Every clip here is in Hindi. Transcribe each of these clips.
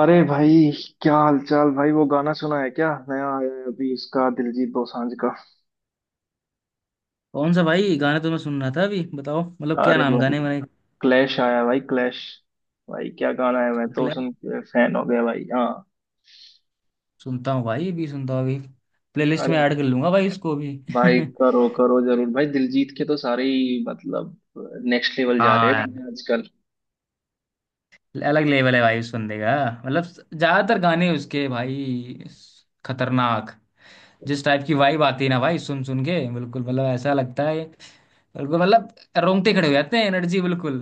अरे भाई। क्या हाल चाल भाई? वो गाना सुना है क्या, नया आया है अभी इसका, दिलजीत दोसांझ का? कौन सा भाई? गाने तो मैं सुन रहा था अभी। बताओ, मतलब, क्या अरे नाम भाई गाने मैंने क्लैश आया है भाई, क्लैश। भाई क्या गाना है! मैं तो शुक्ला है? सुन के फैन हो गया भाई। हाँ। सुनता हूँ भाई, अभी सुनता हूँ। अभी प्लेलिस्ट अरे में ऐड कर लूंगा भाई, उसको भी। भाई करो करो जरूर भाई, दिलजीत के तो सारे ही मतलब नेक्स्ट लेवल जा रहे हाँ हैं यार, गाने आजकल। अलग लेवल है भाई सुनने का। मतलब ज्यादातर गाने उसके भाई, खतरनाक। जिस टाइप की वाइब आती है ना भाई, सुन सुन के बिल्कुल, मतलब ऐसा लगता है बिल्कुल, मतलब रोंगटे खड़े हो जाते हैं। एनर्जी बिल्कुल।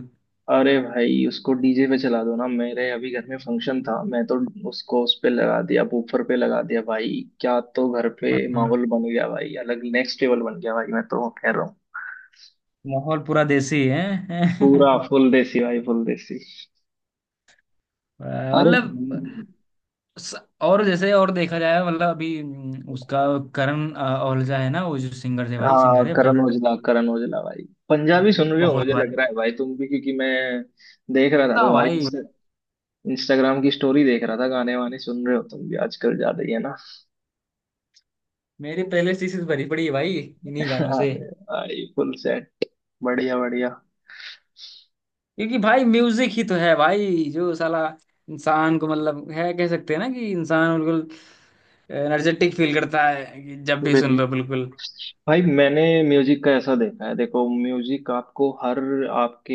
अरे भाई उसको डीजे पे चला दो ना। मेरे अभी घर में फंक्शन था, मैं तो उसको उस पे लगा दिया, बूफर पे लगा दिया भाई। क्या तो घर पे हाँ, माहौल बन गया भाई, अलग नेक्स्ट लेवल बन गया भाई, मैं तो कह रहा हूँ। माहौल पूरा देसी है। पूरा फुल देसी भाई, फुल देसी। अरे मतलब स- और जैसे, और देखा जाए, मतलब अभी उसका करण औलजा है ना, वो जो सिंगर थे भाई, हाँ। सिंगर है फेवरेट। करण औजला भाई! पंजाबी सुन रहे हो बहुत मुझे भाई। लग रहा है भाई, तुम भी, क्योंकि मैं देख रहा था ना तुम्हारी भाई, इंस्टाग्राम की स्टोरी, देख रहा था गाने वाने सुन रहे हो तुम भी आजकल, ज्यादा ही है ना। मेरी पहले इसी से भरी पड़ी है भाई, इन्हीं गानों से। अरे भाई फुल सेट, बढ़िया बढ़िया। क्योंकि भाई म्यूजिक ही तो है भाई जो साला इंसान को मतलब है, कह सकते हैं ना कि इंसान बिल्कुल एनर्जेटिक फील करता है कि जब भी सुन लो बिल्कुल। भाई मैंने म्यूजिक का ऐसा देखा है, देखो म्यूजिक आपको हर, आपके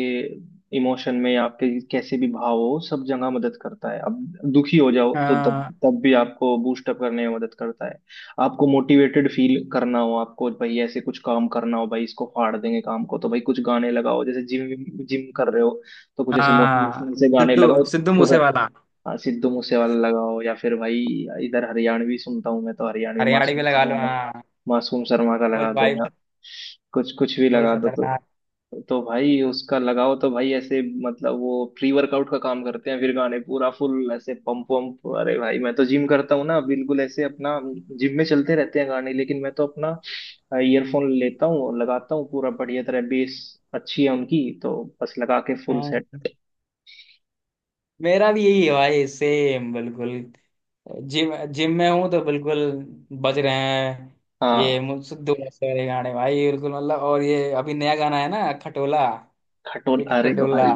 इमोशन में, आपके कैसे भी भाव हो, सब जगह मदद करता है। अब दुखी हो जाओ तो तब हाँ। तब भी आपको बूस्ट अप करने में मदद करता है। आपको मोटिवेटेड फील करना हो, आपको भाई ऐसे कुछ काम करना हो, भाई इसको फाड़ देंगे काम को तो भाई कुछ गाने लगाओ। जैसे जिम जिम कर रहे हो तो कुछ ऐसे हाँ मोटिवेशनल से गाने सिद्धू लगाओ। सिद्धू तो मूसे वाला। हाँ, सिद्धू मूसे वाला लगाओ या फिर भाई, इधर हरियाणवी सुनता हूँ मैं तो। हरियाणवी हरियाणवी लगा लो, हाँ। मासूम शर्मा का फुल लगा दो, या वाइब। कुछ कुछ भी फुल लगा दो तो। खतरनाक। तो भाई उसका लगाओ तो भाई ऐसे, मतलब वो प्री वर्कआउट का काम करते हैं फिर गाने, पूरा फुल ऐसे पंप वंप। अरे भाई मैं तो जिम करता हूँ ना, बिल्कुल ऐसे अपना। जिम में चलते रहते हैं गाने, लेकिन मैं तो अपना ईयरफोन लेता हूँ और लगाता हूँ पूरा बढ़िया तरह। बेस अच्छी है उनकी तो, बस लगा के फुल हाँ, सेट। मेरा भी यही है भाई, सेम बिल्कुल। जिम जिम में हूँ तो बिल्कुल बज रहे हैं। ये हाँ, सिद्धू मूसे वाले गाने भाई बिल्कुल, मतलब। और ये अभी नया गाना है ना, खटोला। खटोल! एक अरे खटोला। भाई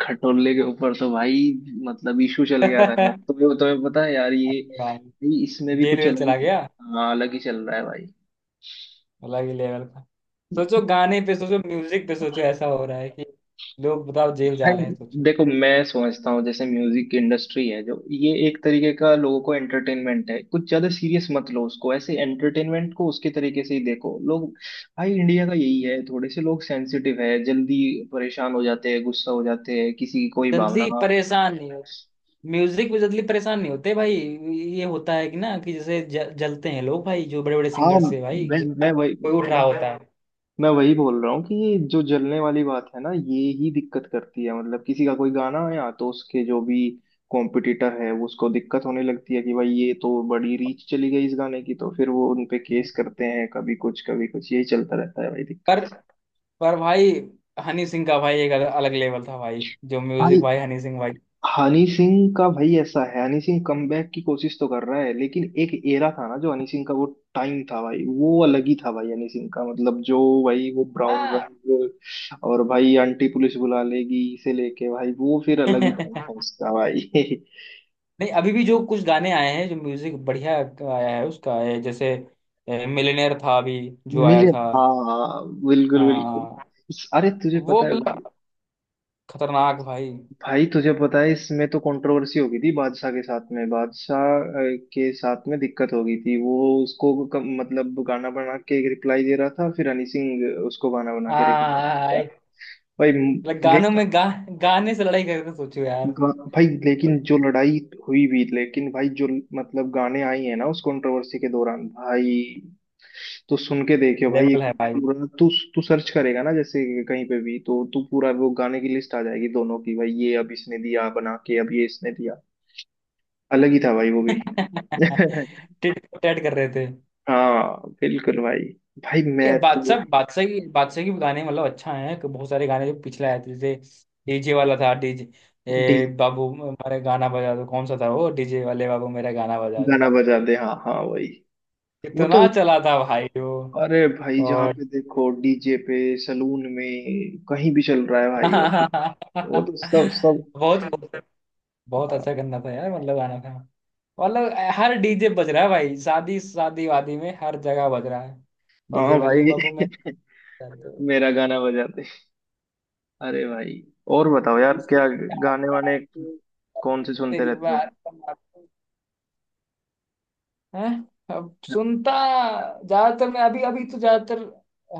खटोले के ऊपर तो भाई मतलब इशू चल गया था यार, भाई तुम्हें तुम्हें पता है यार ये, भाई इसमें भी जेल कुछ वेल अलग चला ही। गया। हाँ अलग ही चल रहा है भाई। अलग ही लेवल का सोचो। गाने पे सोचो, म्यूजिक पे सोचो, ऐसा हो रहा है कि लोग, बताओ, जेल जा भाई रहे हैं, सोचो। देखो मैं समझता हूँ, जैसे म्यूजिक इंडस्ट्री है जो ये, एक तरीके का लोगों को एंटरटेनमेंट है, कुछ ज्यादा सीरियस मत लो उसको। ऐसे एंटरटेनमेंट को उसके तरीके से ही देखो लोग। भाई इंडिया का यही है, थोड़े से लोग सेंसिटिव है, जल्दी परेशान हो जाते हैं, गुस्सा हो जाते हैं, किसी की कोई भावना। जिंदगी परेशान नहीं, म्यूजिक में जल्दी परेशान नहीं होते भाई। ये होता है कि ना, कि जैसे जलते हैं लोग भाई, जो बड़े बड़े हाँ सिंगर्स से, भाई मैं जैसे मैं वही कोई उठ मैं रहा होता है। मैं वही बोल रहा हूँ कि ये जो जलने वाली बात है ना, ये ही दिक्कत करती है। मतलब किसी का कोई गाना आया तो उसके जो भी कॉम्पिटिटर है वो उसको दिक्कत होने लगती है कि भाई ये तो बड़ी रीच चली गई इस गाने की। तो फिर वो उनपे केस करते हैं, कभी कुछ कभी कुछ यही चलता रहता है भाई दिक्कत। पर पर भाई हनी सिंह का भाई एक अलग, अलग लेवल था भाई, जो भाई म्यूजिक भाई, हनी सिंह भाई। हनी सिंह का भाई ऐसा है, हनी सिंह कमबैक की कोशिश तो कर रहा है लेकिन एक एरा था ना, जो हनी सिंह का वो टाइम था भाई, वो अलग ही था भाई हनी सिंह का। मतलब जो भाई, वो ब्राउन हाँ। रंग और भाई आंटी पुलिस बुला लेगी, से लेके भाई वो फिर अलग ही टाइम था उसका भाई। नहीं, अभी भी जो कुछ गाने आए हैं, जो म्यूजिक बढ़िया आया है उसका, ये जैसे मिलियनेयर था अभी जो मिले। आया था। हाँ हाँ, बिल्कुल बिल्कुल। हाँ, अरे तुझे वो पता है भाई, मतलब खतरनाक भाई। भाई तुझे पता है इसमें तो कंट्रोवर्सी हो गई थी बादशाह के साथ में, बादशाह के साथ में दिक्कत हो गई थी वो। उसको मतलब गाना बना के रिप्लाई दे रहा था, फिर हनी सिंह उसको गाना बना के रिप्लाई दे रहा था। हाँ, भाई मतलब गानों लेकिन में गा गाने से लड़ाई करते, सोचो यार। भाई लेकिन जो लड़ाई हुई भी, लेकिन भाई जो मतलब गाने आई है ना उस कंट्रोवर्सी के दौरान भाई, तो सुन के देखियो भाई लेवल एक है भाई। पूरा तू तू सर्च करेगा ना जैसे कहीं पे भी, तो तू पूरा वो गाने की लिस्ट आ जाएगी दोनों की भाई, ये अब इसने दिया बना के, अब ये इसने दिया। अलग ही था भाई वो भी। टिट फॉर टैट कर रहे थे। हाँ बिल्कुल भाई। भाई ये मैं तो बादशाह बादशाह की बादशाह के भी गाने, मतलब अच्छा है कि बहुत सारे गाने जो पिछले आए थे, जैसे डीजे वाला था। डीजे डी- ए बाबू मेरा गाना बजा दो, कौन सा था वो? डीजे वाले बाबू मेरा गाना बजा गाना दो। बजा दे, हाँ हाँ वही। वो तो कितना एक, चला था भाई वो। अरे भाई जहाँ और पे देखो डीजे पे, सलून में कहीं भी चल रहा है भाई वो तो सब सब। बहुत बहुत बहुत हाँ अच्छा गाना था यार, मतलब गाना था। मतलब हर डीजे बज रहा है भाई, शादी शादी वादी में, हर जगह बज रहा है, डीजे हाँ वाले भाई बाबू मैं तेरी मेरा गाना बजाते। अरे भाई और बताओ यार, क्या सरकार, गाने वाने कौन से सुनते तेरी रहते हो? बार हैं। अब सुनता ज्यादातर मैं अभी। अभी तो ज्यादातर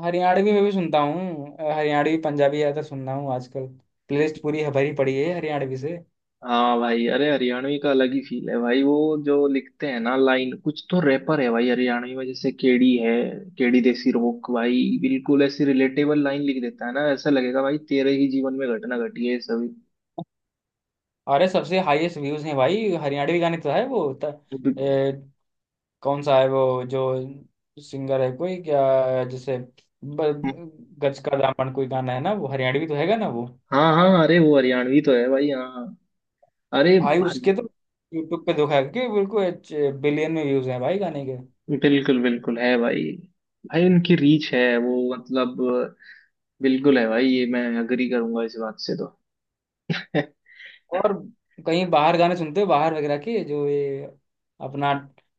हरियाणवी में भी सुनता हूँ, हरियाणवी पंजाबी ज्यादातर सुनना हूँ आजकल। प्लेलिस्ट पूरी भरी पड़ी है हरियाणवी से। हाँ भाई, अरे हरियाणवी का अलग ही फील है भाई वो, जो लिखते हैं ना लाइन कुछ, तो रैपर है भाई हरियाणवी में, जैसे केडी है। केडी देसी रोक भाई बिल्कुल ऐसी रिलेटेबल लाइन लिख देता है ना, ऐसा लगेगा भाई तेरे ही जीवन में घटना घटी है ये सभी। अरे सबसे हाईएस्ट व्यूज हैं भाई हरियाणवी गाने तो, है वो। कौन सा है वो जो सिंगर है कोई, क्या जैसे, ब- गज का दामन कोई गाना है ना, वो हरियाणवी तो हैगा ना वो। हाँ हाँ, अरे वो हरियाणवी तो है भाई, हाँ हाँ। अरे भाई भाई उसके तो यूट्यूब पे देखा है कि बिल्कुल बिलियन में व्यूज हैं भाई गाने के। बिल्कुल बिल्कुल है भाई। भाई उनकी रीच है वो, मतलब बिल्कुल है भाई, ये मैं अग्री करूंगा इस बात से तो। और कहीं बाहर गाने सुनते हो? बाहर वगैरह के, जो ये अपना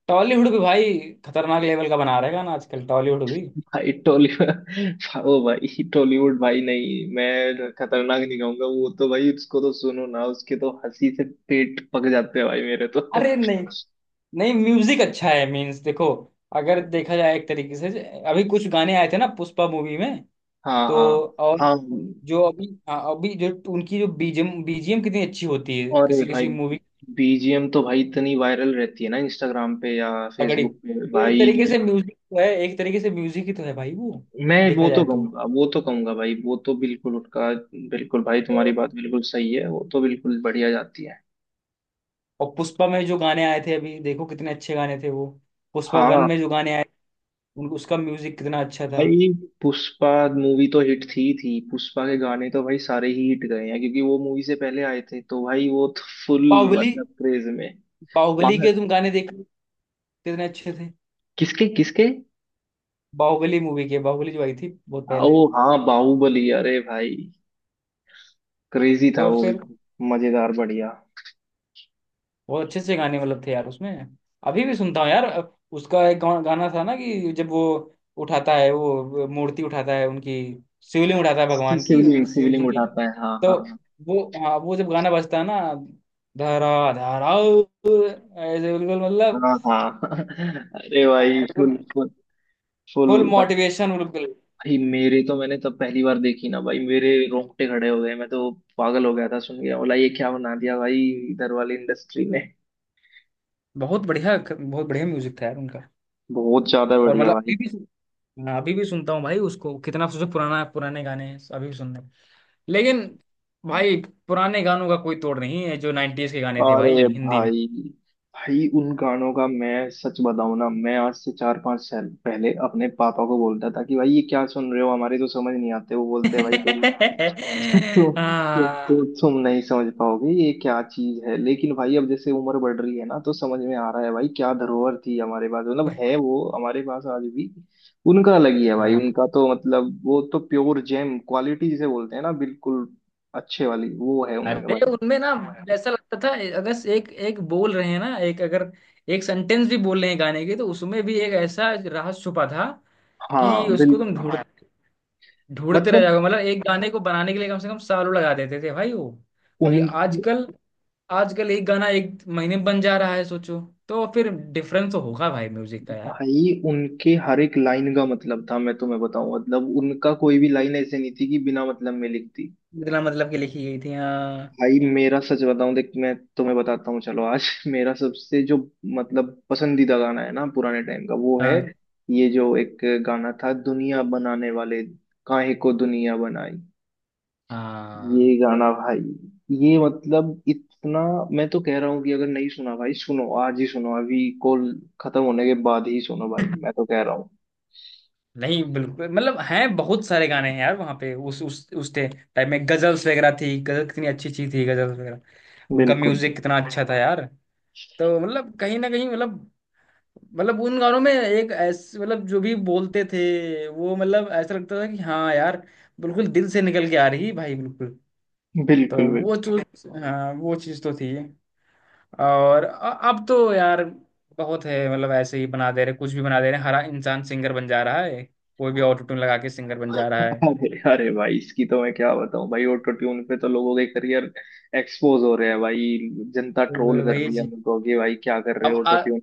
टॉलीवुड भी भाई खतरनाक लेवल का बना रहेगा ना आजकल, टॉलीवुड भी। भाई टॉलीवुड ओ भाई टॉलीवुड भाई, नहीं मैं खतरनाक नहीं कहूंगा वो तो भाई, उसको तो सुनो ना उसके तो हंसी से पेट पक जाते हैं भाई मेरे तो। अरे नहीं, नहीं, म्यूजिक अच्छा है, मीन्स देखो अगर देखा जाए एक तरीके से, अभी कुछ गाने आए थे ना पुष्पा मूवी में, हाँ तो। हाँ। और हाँ, जो अभी, हाँ, अभी जो उनकी जो बीजीएम बीजीएम कितनी अच्छी होती है और ये किसी भाई किसी मूवी, बीजीएम तो भाई इतनी वायरल रहती है ना इंस्टाग्राम पे या तगड़ी। फेसबुक पे तो एक तरीके भाई। से म्यूजिक तो है, एक तरीके से म्यूजिक ही तो है भाई वो, मैं देखा जाए तो वो तो कहूंगा भाई, वो तो बिल्कुल उठका। बिल्कुल भाई तो तुम्हारी बात बिल्कुल सही है, वो तो बिल्कुल बढ़िया जाती है। और पुष्पा में जो गाने आए थे अभी, देखो कितने अच्छे गाने थे वो। पुष्पा वन में हाँ जो गाने आए, उन उसका म्यूजिक कितना अच्छा था। भाई पुष्पा मूवी तो हिट थी। पुष्पा के गाने तो भाई सारे ही हिट गए हैं क्योंकि वो मूवी से पहले आए थे, तो भाई वो तो फुल बाहुबली मतलब क्रेज में बाहुबली पागल। के तुम गाने देखो, कितने अच्छे थे। किसके किसके? बाहुबली मूवी के, बाहुबली जो आई थी बहुत पहले। ओ हाँ बाहुबली, अरे भाई क्रेजी था तो वो भी, फिर मजेदार बढ़िया। बहुत अच्छे अच्छे गाने मतलब थे यार उसमें। अभी भी सुनता हूँ यार, उसका एक गाना था ना कि जब वो उठाता है, वो मूर्ति उठाता है उनकी, शिवलिंग उठाता है भगवान की, सिविलिंग उनकी शिव जी सिविलिंग की। उठाता है। हाँ तो हाँ। वो, हाँ, वो जब गाना बजता है ना, धरा धरा, ऐसे बिल्कुल, हाँ मतलब हाँ हाँ। अरे भाई बिल्कुल, full full full full motivation बिल्कुल। भाई। मेरे तो, मैंने तब पहली बार देखी ना भाई, मेरे रोंगटे खड़े हो गए, मैं तो पागल हो गया था सुन के, बोला ये क्या बना दिया भाई इधर वाली इंडस्ट्री ने। बहुत बढ़िया, बहुत बढ़िया म्यूजिक था यार उनका। बहुत ज्यादा और बढ़िया मतलब भाई। अभी भी हाँ, अभी भी सुनता हूँ भाई उसको। कितना सोचो, पुराना पुराने गाने हैं, अभी भी सुनने। लेकिन भाई पुराने गानों का कोई तोड़ नहीं है, जो 90s के गाने थे अरे भाई हिंदी में। भाई भाई उन गानों का मैं सच बताऊं ना, मैं आज से 4-5 साल पहले अपने पापा को बोलता था कि भाई ये क्या सुन रहे हो, हमारे तो समझ नहीं आते। वो बोलते हैं भाई तो, तो, हाँ। तुम नहीं समझ पाओगे ये क्या चीज है। लेकिन भाई अब जैसे उम्र बढ़ रही है ना तो समझ में आ रहा है भाई, क्या धरोहर थी हमारे पास, मतलब है वो हमारे पास आज भी। उनका अलग ही है भाई हाँ। उनका तो, मतलब वो तो प्योर जेम क्वालिटी जिसे बोलते हैं ना, बिल्कुल अच्छे वाली वो है उनमें अरे भाई। उनमें ना, ऐसा लगता था अगर एक एक बोल रहे हैं ना, एक अगर एक सेंटेंस भी बोल रहे हैं गाने के, तो उसमें भी एक ऐसा राज छुपा था कि हाँ उसको तुम बिल्कुल, ढूंढ हाँ, ढूंढते रह मतलब जाओगे। मतलब एक गाने को बनाने के लिए कम से कम सालों लगा देते थे भाई वो। और ये उनके, आजकल आजकल एक गाना एक महीने में बन जा रहा है, सोचो। तो फिर डिफरेंस तो होगा भाई म्यूजिक का यार। भाई उनके हर एक लाइन का मतलब था, मैं तुम्हें बताऊं। मतलब उनका कोई भी लाइन ऐसे नहीं थी कि बिना मतलब में लिखती। इतना मतलब कि लिखी गई थी। हाँ, भाई मेरा सच बताऊं देख, मैं तुम्हें बताता हूँ चलो आज मेरा सबसे जो मतलब पसंदीदा गाना है ना पुराने टाइम का वो है, हाँ, ये जो एक गाना था, दुनिया बनाने वाले, काहे को दुनिया बनाई। ये हाँ। गाना भाई, ये मतलब इतना, मैं तो कह रहा हूँ कि अगर नहीं सुना भाई सुनो, आज ही सुनो, अभी कॉल खत्म होने के बाद ही सुनो भाई, मैं तो कह रहा हूँ। नहीं बिल्कुल, मतलब हैं बहुत सारे गाने, हैं यार वहाँ पे, उस टाइम में गजल्स वगैरह थी, गजल कितनी अच्छी चीज थी, गजल्स वगैरह। उनका बिल्कुल म्यूजिक कितना अच्छा था यार। तो मतलब कहीं ना कहीं, मतलब उन गानों में एक ऐसे, मतलब जो भी बोलते थे वो, मतलब ऐसा लगता था कि हाँ यार, बिल्कुल दिल से निकल के आ रही भाई, बिल्कुल। तो बिल्कुल बिल्कुल। वो चीज, हाँ, वो चीज तो थी। और अब तो यार बहुत है, मतलब ऐसे ही बना दे रहे, कुछ भी बना दे रहे, हर इंसान सिंगर बन जा रहा है, कोई भी ऑटो ट्यून लगा के सिंगर बन जा रहा है। अरे अरे भाई इसकी तो मैं क्या बताऊं भाई! ऑटो ट्यून पे तो लोगों के करियर एक्सपोज हो रहे हैं भाई, जनता ट्रोल तो कर वही रही है चीज। मुझको कि भाई क्या कर रहे हो अब ऑटो ट्यून।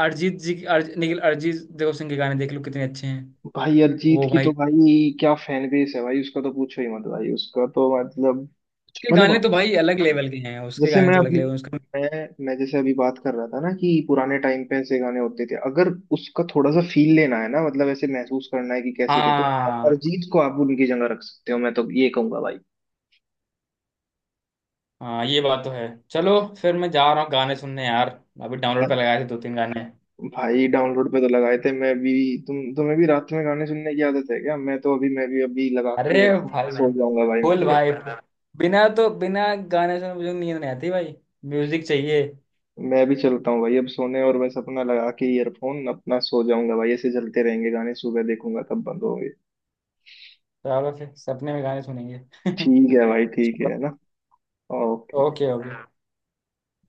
अरिजीत जी की- अर्ज, निखिल अरिजीत देव सिंह के गाने देख लो, कितने अच्छे हैं। भाई अरिजीत वो की भाई तो भाई क्या फैन बेस है भाई, उसका तो पूछो ही मत भाई, उसका तो मतलब उसके गाने तो मतलब भाई अलग लेवल के हैं, उसके जैसे गाने मैं तो अलग अभी लेवल। मैं मैं जैसे अभी बात कर रहा था ना कि पुराने टाइम पे ऐसे गाने होते थे, अगर उसका थोड़ा सा फील लेना है ना मतलब, ऐसे महसूस करना है कि कैसे थे तो हाँ अरिजीत को आप उनकी जगह रख सकते हो, मैं तो ये कहूंगा भाई। हाँ, ये बात तो है। चलो फिर मैं जा रहा हूँ गाने सुनने यार। अभी डाउनलोड पे लगाए थे दो तीन गाने। भाई डाउनलोड पे तो लगाए थे मैं भी। तुम्हें भी रात में गाने सुनने की आदत है क्या? मैं तो अभी, मैं भी अभी लगा के अरे एयरफोन भाई सो जाऊंगा भाई, मैं फुल भी अभी। भाई full। बिना गाने सुने मुझे नींद नहीं आती भाई, म्यूजिक चाहिए। मैं भी चलता हूँ भाई अब सोने, और बस अपना लगा के ईयरफोन अपना सो जाऊंगा भाई। ऐसे चलते रहेंगे गाने, सुबह देखूंगा तब बंद होंगे। तो आप फिर सपने में गाने सुनेंगे? ठीक है भाई, ठीक है ना। ओके। Okay, okay.